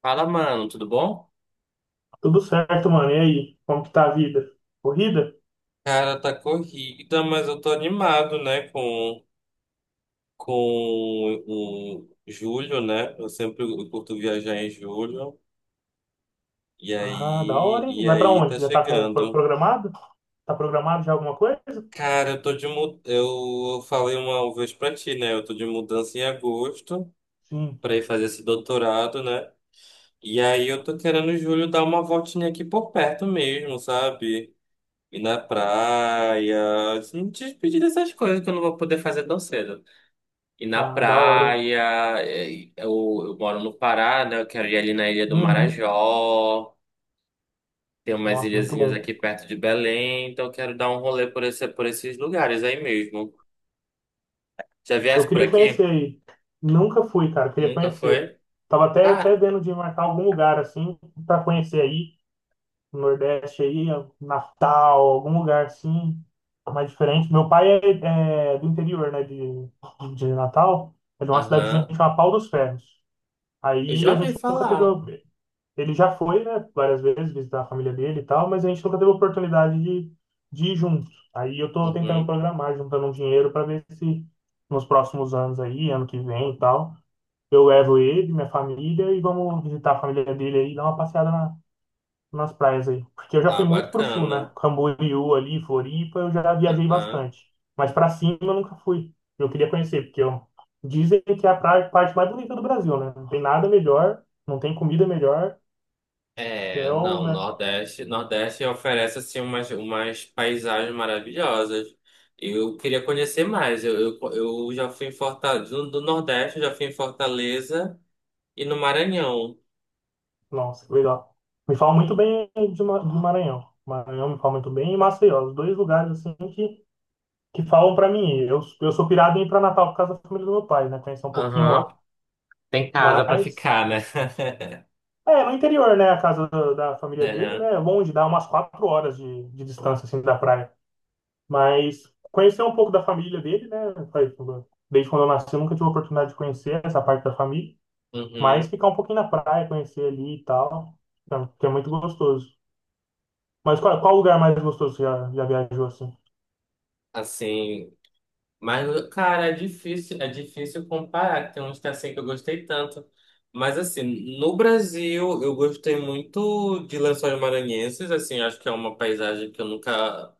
Fala, mano, tudo bom? Tudo certo, mano. E aí, como que tá a vida? Corrida? Cara, tá corrida, mas eu tô animado, né, com o julho, né? Eu sempre curto viajar em julho. E Ah, da aí, hora, hein? e Vai pra aí onde? tá Já tá chegando. programado? Tá programado já alguma coisa? Cara, eu tô de mu- eu falei uma vez pra ti, né? Eu tô de mudança em agosto Sim. pra ir fazer esse doutorado, né? E aí eu tô querendo em julho dar uma voltinha aqui por perto mesmo, sabe? Ir na praia, se me despedir dessas coisas que eu não vou poder fazer tão cedo. E na Ah, da hora, hein? praia, é, eu moro no Pará, né? Eu quero ir ali na Ilha do Uhum. Marajó. Tem umas Nossa, muito ilhazinhas bom. aqui perto de Belém, então eu quero dar um rolê por esses lugares aí mesmo. Já Eu viesse por queria conhecer aqui? aí. Nunca fui, cara. Queria Nunca conhecer. foi? Tava até Ah, vendo de marcar algum lugar, assim, pra conhecer aí. No Nordeste aí, Natal, algum lugar assim, mais diferente. Meu pai é do interior, né? De Natal. É de uma cidadezinha aham. que chama Pau dos Ferros. Eu Aí já a ouvi gente nunca teve. Falar. Ele já foi, né, várias vezes visitar a família dele e tal, mas a gente nunca teve a oportunidade de ir junto. Aí eu tô tentando Uhum. programar, juntando um dinheiro para ver se nos próximos anos aí, ano que vem e tal, eu levo ele, minha família e vamos visitar a família dele aí, dar uma passeada nas praias aí. Porque eu já Ah, fui muito pro sul, né? bacana. Camboriú ali, Floripa, eu já viajei Aham. bastante. Mas pra cima eu nunca fui. Eu queria conhecer, porque eu. Dizem que é a praia, parte mais bonita do Brasil, né? Não tem nada melhor, não tem comida melhor. Que é É, o, não, né? Nordeste, Nordeste oferece assim umas paisagens maravilhosas. Eu queria conhecer mais. Eu já fui em Fortaleza, do Nordeste, eu já fui em Fortaleza e no Maranhão. Nossa, legal. Me falam muito bem de do Maranhão. Maranhão me fala muito bem e Maceió. Os dois lugares, assim, que falam pra mim. Eu sou pirado em ir pra Natal por causa da família do meu pai, né? Conhecer um pouquinho Aham, lá. tem casa pra Mas ficar, né? é, no interior, né? A casa da família dele, Aham, né? É longe, dá umas 4 horas de distância, assim, da praia. Mas conhecer um pouco da família dele, né? faz- Desde quando eu nasci, eu nunca tive a oportunidade de conhecer essa parte da família. Mas uhum. ficar um pouquinho na praia, conhecer ali e tal, que é muito gostoso. Mas qual lugar mais gostoso que você já viajou, assim? Assim, mas, cara, é difícil comparar. Tem uns que é assim que eu gostei tanto. Mas, assim, no Brasil, eu gostei muito de Lençóis Maranhenses. Assim, acho que é uma paisagem que eu nunca...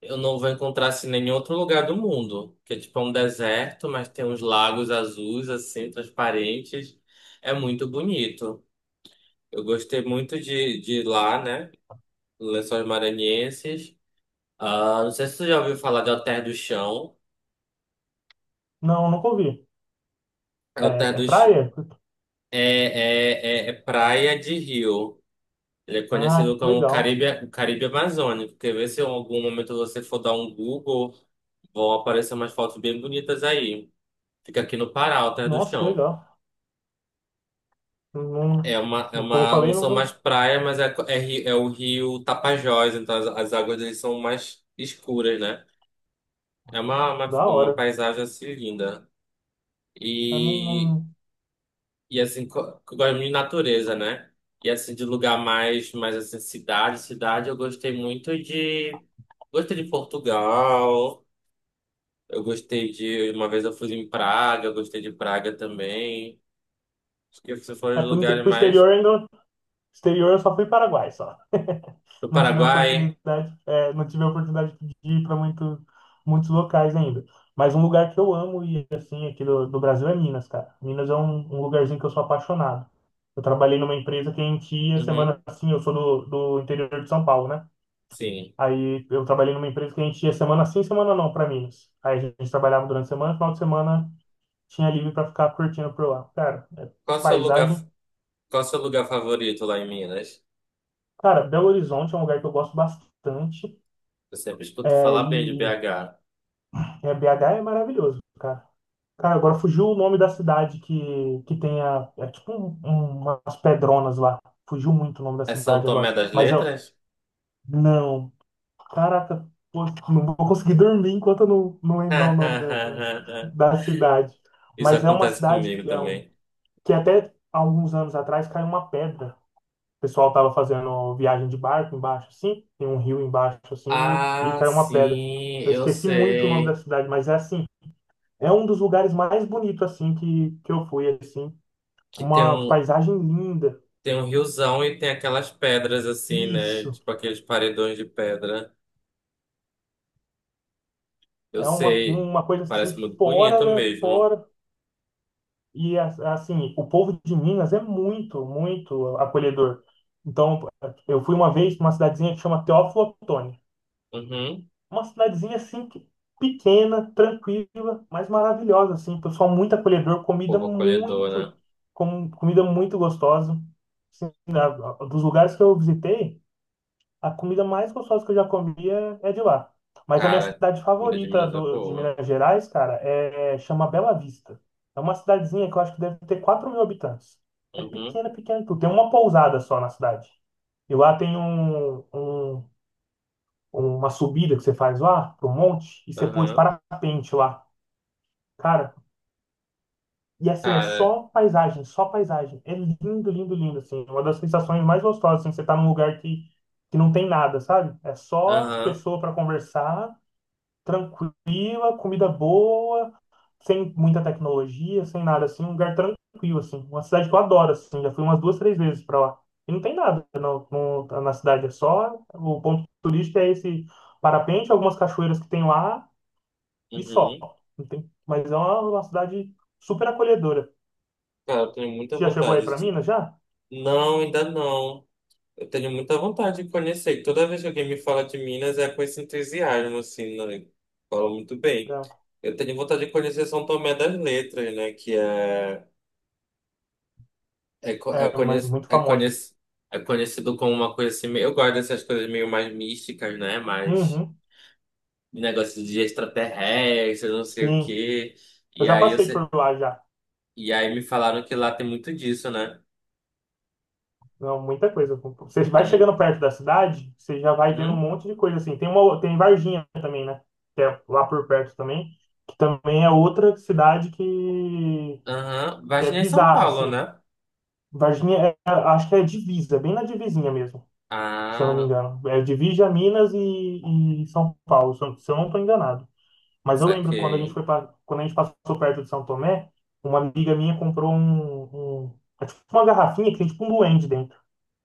Eu não vou encontrar, assim, em nenhum outro lugar do mundo. Que é, tipo, é um deserto, mas tem uns lagos azuis, assim, transparentes. É muito bonito. Eu gostei muito de ir lá, né? Lençóis Maranhenses. Ah, não sei se você já ouviu falar de Alter do Chão. Não, nunca ouvi. É, é praia? É praia de rio. Ele é Ah, conhecido que como legal. Caribe, o Caribe Amazônico. Quer ver se em algum momento você for dar um Google, vão aparecer umas fotos bem bonitas aí. Fica aqui no Pará, Alter do Nossa, que Chão. legal. Não- Como eu Não falei, são mais praia, mas é o rio Tapajós, então as águas deles são mais escuras, né? É uma, uma, da uma hora. paisagem assim linda. Eu não, e E assim, que eu gosto muito de natureza, né? E assim, de lugar mais assim, cidade, cidade, eu gostei muito de. Gostei de Portugal, eu gostei de. Uma vez eu fui em Praga, eu gostei de Praga também. Acho que esses foram é, os lugares pro mais. exterior ainda. Exterior eu só fui Paraguai, só. Do Não tive a Paraguai. oportunidade de ir para muitos locais ainda. Mas um lugar que eu amo e assim aqui do Brasil é Minas, cara. Minas é um lugarzinho que eu sou apaixonado. Eu trabalhei numa empresa que a gente ia semana Uhum, assim, eu sou do interior de São Paulo, né? sim. Aí eu trabalhei numa empresa que a gente ia semana sim, semana não para Minas. Aí a gente trabalhava durante a semana, final de semana tinha livre para ficar curtindo por lá. Cara, é Qual o seu lugar, paisagem. Qual o seu lugar favorito lá em Minas? Cara, Belo Horizonte é um lugar que eu gosto bastante. Eu sempre escuto É, falar bem de e BH. BH é maravilhoso, cara. Cara, agora fugiu o nome da cidade que tem é tipo umas pedronas lá. Fugiu muito o nome da É São cidade agora. Tomé das Letras? Não, caraca, pô, não vou conseguir dormir enquanto eu não lembrar o nome da cidade. Isso Mas é uma acontece cidade comigo que é também. que até alguns anos atrás caiu uma pedra. O pessoal tava fazendo viagem de barco embaixo, assim, tem um rio embaixo, assim, e Ah, caiu uma pedra. sim, Eu eu esqueci muito o nome da sei. cidade, mas é assim. É um dos lugares mais bonitos, assim, que eu fui, assim. Que tem Uma um, paisagem linda. tem um riozão e tem aquelas pedras assim, né? Isso. Tipo aqueles paredões de pedra. Eu É uma, sei. uma coisa, assim, Parece muito fora bonito da. mesmo. Fora. E, assim, o povo de Minas é muito, muito acolhedor. Então, eu fui uma vez numa cidadezinha que chama Teófilo Otoni. Uhum. Uma cidadezinha, assim, pequena, tranquila, mas maravilhosa, assim. Pessoal muito acolhedor, Povo acolhedor, né? Comida muito gostosa. Assim, dos lugares que eu visitei, a comida mais gostosa que eu já comi é de lá. Mas a minha Cara, cidade comida de favorita Minas é de boa. Minas Gerais, cara, chama Bela Vista. É uma cidadezinha que eu acho que deve ter 4 mil habitantes. É Uhum. pequena, pequena, tudo. Tem uma pousada só na cidade. E lá tem uma subida que você faz lá, pro monte, e você pula de Aham. parapente lá. Cara, e assim, é Cara, só paisagem, só paisagem. É lindo, lindo, lindo, assim. Uma das sensações mais gostosas, assim, você tá num lugar que não tem nada, sabe? É só aham. pessoa para conversar, tranquila, comida boa, sem muita tecnologia, sem nada, assim, um lugar tranquilo, assim. Uma cidade que eu adoro, assim, já fui umas duas, três vezes para lá. E não tem nada não, na cidade, é só. O ponto turístico é esse parapente, algumas cachoeiras que tem lá e só. Uhum. Não tem, mas é uma cidade super acolhedora. Cara, eu tenho muita Já chegou aí vontade. para Tipo, Minas já? não, ainda não. Eu tenho muita vontade de conhecer. Toda vez que alguém me fala de Minas, é com esse entusiasmo, assim, né? Fala muito bem. Já. Eu tenho vontade de conhecer São Tomé das Letras, né? Que é, co- é, É conhec, muito é, famoso. conhec, é conhecido como uma coisa assim. Eu gosto dessas coisas meio mais místicas, né? Mais Uhum, negócio de extraterrestre, não sei o sim. quê. Eu E já aí, eu, passei se- por lá já. e aí me falaram que lá tem muito disso, né? Não, muita coisa. Você vai Tem chegando muito. perto da cidade, você já vai vendo um Hum? monte de coisa assim. Tem tem Varginha também, né? Que é lá por perto também, que também é outra cidade que, Aham. Uhum. que é Varginha é São bizarra Paulo, assim. né? Varginha é, acho que é divisa, bem na divisinha mesmo, se eu não me Ah, engano. É divisa Minas e São Paulo, se eu não estou enganado. Mas eu lembro quando a gente saquei. foi pra, quando a gente passou perto de São Tomé, uma amiga minha comprou é tipo uma garrafinha que tem tipo um duende dentro.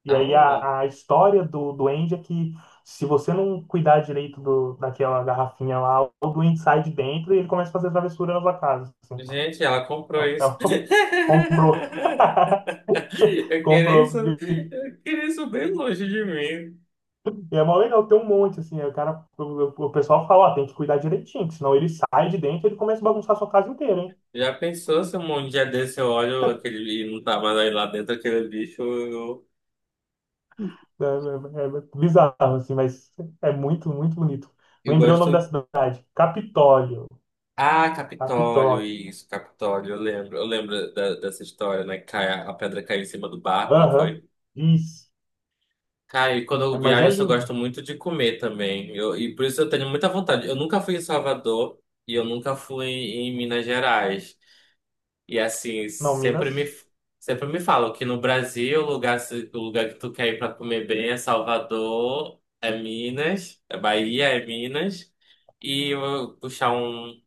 E aí Ah, a história do duende é que se você não cuidar direito daquela garrafinha lá, o duende sai de dentro e ele começa a fazer travessura na sua casa, assim. gente, ela comprou Então, isso. ela comprou. Comprou. Eu queria isso bem longe de mim. E é mó legal ter um monte, assim. Aí o pessoal fala, ó, tem que cuidar direitinho, que senão ele sai de dentro e ele começa a bagunçar a sua casa inteira, hein? Já pensou se um dia desse eu olho aquele e não tá mais aí lá dentro aquele bicho? Eu, É bizarro, assim, mas é muito, muito bonito. eu Lembrei o nome da gosto. cidade. Capitólio. Ah, Capitólio, Capitólio. isso, Capitólio. Eu lembro dessa história, né? A pedra caiu em cima do barco, não Aham. foi? Isso. Cara, e quando É, eu mas viajo, é assim, eu lindo. gosto muito de comer também. E por isso eu tenho muita vontade. Eu nunca fui em Salvador e eu nunca fui em Minas Gerais. E assim, Não, sempre me, Minas. sempre me falam que no Brasil, o lugar, o lugar que tu quer ir pra comer bem é Salvador, é Minas, é Bahia, é Minas. E eu vou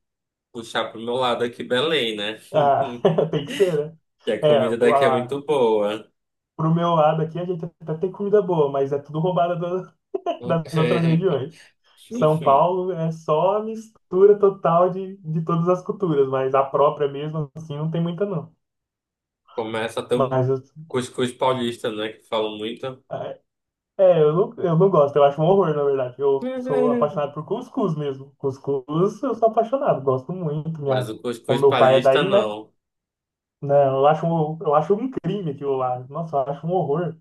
puxar pro meu lado aqui, Belém, né? Ah, tem que ser, né? Que a É, comida daqui é muito lá, boa. pro meu lado aqui a gente até tem comida boa, mas é tudo roubada das outras regiões. São Paulo é só a mistura total de todas as culturas, mas a própria mesmo, assim, não tem muita, não. Começa tão ter um Mas cuscuz paulista, né? Que falam muito. é, eu não gosto, eu acho um horror, na verdade. Eu sou apaixonado por cuscuz mesmo. Cuscuz, eu sou apaixonado, gosto muito. Mas Minha. o Como cuscuz meu pai é paulista, daí, né? não. Não, eu acho um crime aquilo lá. Nossa, eu acho um horror.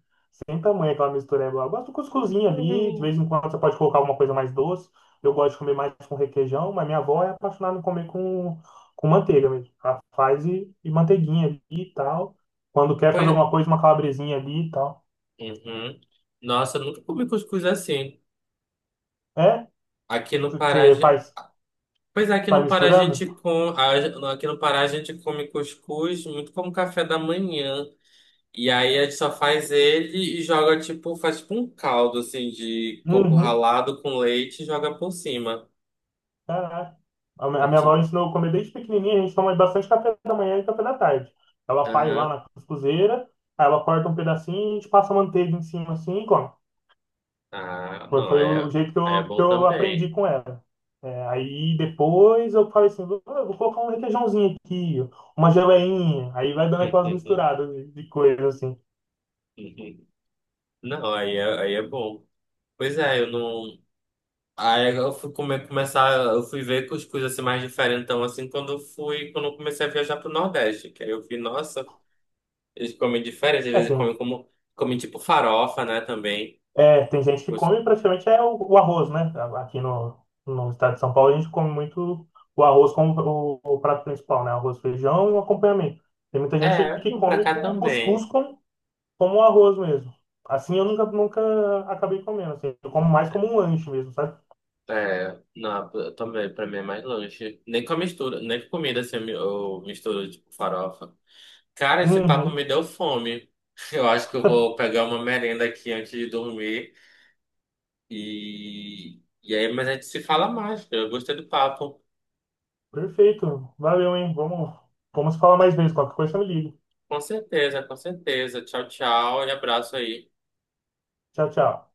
Sem tamanho aquela mistureba lá. Eu gosto do cuscuzinho ali, de vez em quando você pode colocar alguma coisa mais doce. Eu gosto de comer mais com requeijão, mas minha avó é apaixonada em comer com manteiga mesmo. Ela faz e manteiguinha ali e tal. Quando quer fazer Pois... alguma coisa, uma calabresinha ali e tal. Uhum. Nossa, eu nunca comi cuscuz assim. É? Aqui no Pará, a Você gen- faz. Pois é, Sai misturando? Aqui no Pará a gente come cuscuz muito como café da manhã. E aí a gente só faz ele e joga tipo, faz tipo um caldo assim de coco Uhum, ralado com leite e joga por cima. caraca. A mi- a Eu minha te- avó ensinou a comer desde pequenininha, a gente toma bastante café da manhã e café da tarde. Ela faz lá Aham. na cuscuzeira, aí ela corta um pedacinho e a gente passa manteiga em cima assim e come. Ah, Foi, não, foi aí o é, jeito que aí é eu, que bom eu aprendi também. com ela. É, aí depois eu falei assim, vou colocar um requeijãozinho aqui, uma geleinha, aí vai dando aquelas misturadas de coisa assim. Não, aí é bom. Pois é, eu não. Aí eu fui começar, eu fui ver cuscuz assim mais diferentão assim quando eu comecei a viajar pro Nordeste, que aí eu vi, nossa, eles comem diferente, às É, vezes tem, comem tipo farofa, né, também. É, tem gente que Cus- come praticamente é o arroz, né? Aqui no estado de São Paulo a gente come muito o arroz como o prato principal, né? Arroz, feijão e um acompanhamento. Tem muita gente É, que não, pra come cá o cuscuz também. como arroz mesmo. Assim eu nunca acabei comendo, assim. Eu como mais como um lanche mesmo, sabe? É, não, eu também, pra mim é mais lanche. Nem com a mistura, nem com comida assim, eu misturo tipo farofa. Cara, esse papo Uhum, me deu fome. Eu acho que eu vou pegar uma merenda aqui antes de dormir. E aí, mas a gente se fala mais. Eu gostei do papo. perfeito. Valeu, hein? Vamos falar mais vezes. Qualquer coisa me liga. Com certeza, com certeza. Tchau, tchau e abraço aí. Tchau, tchau.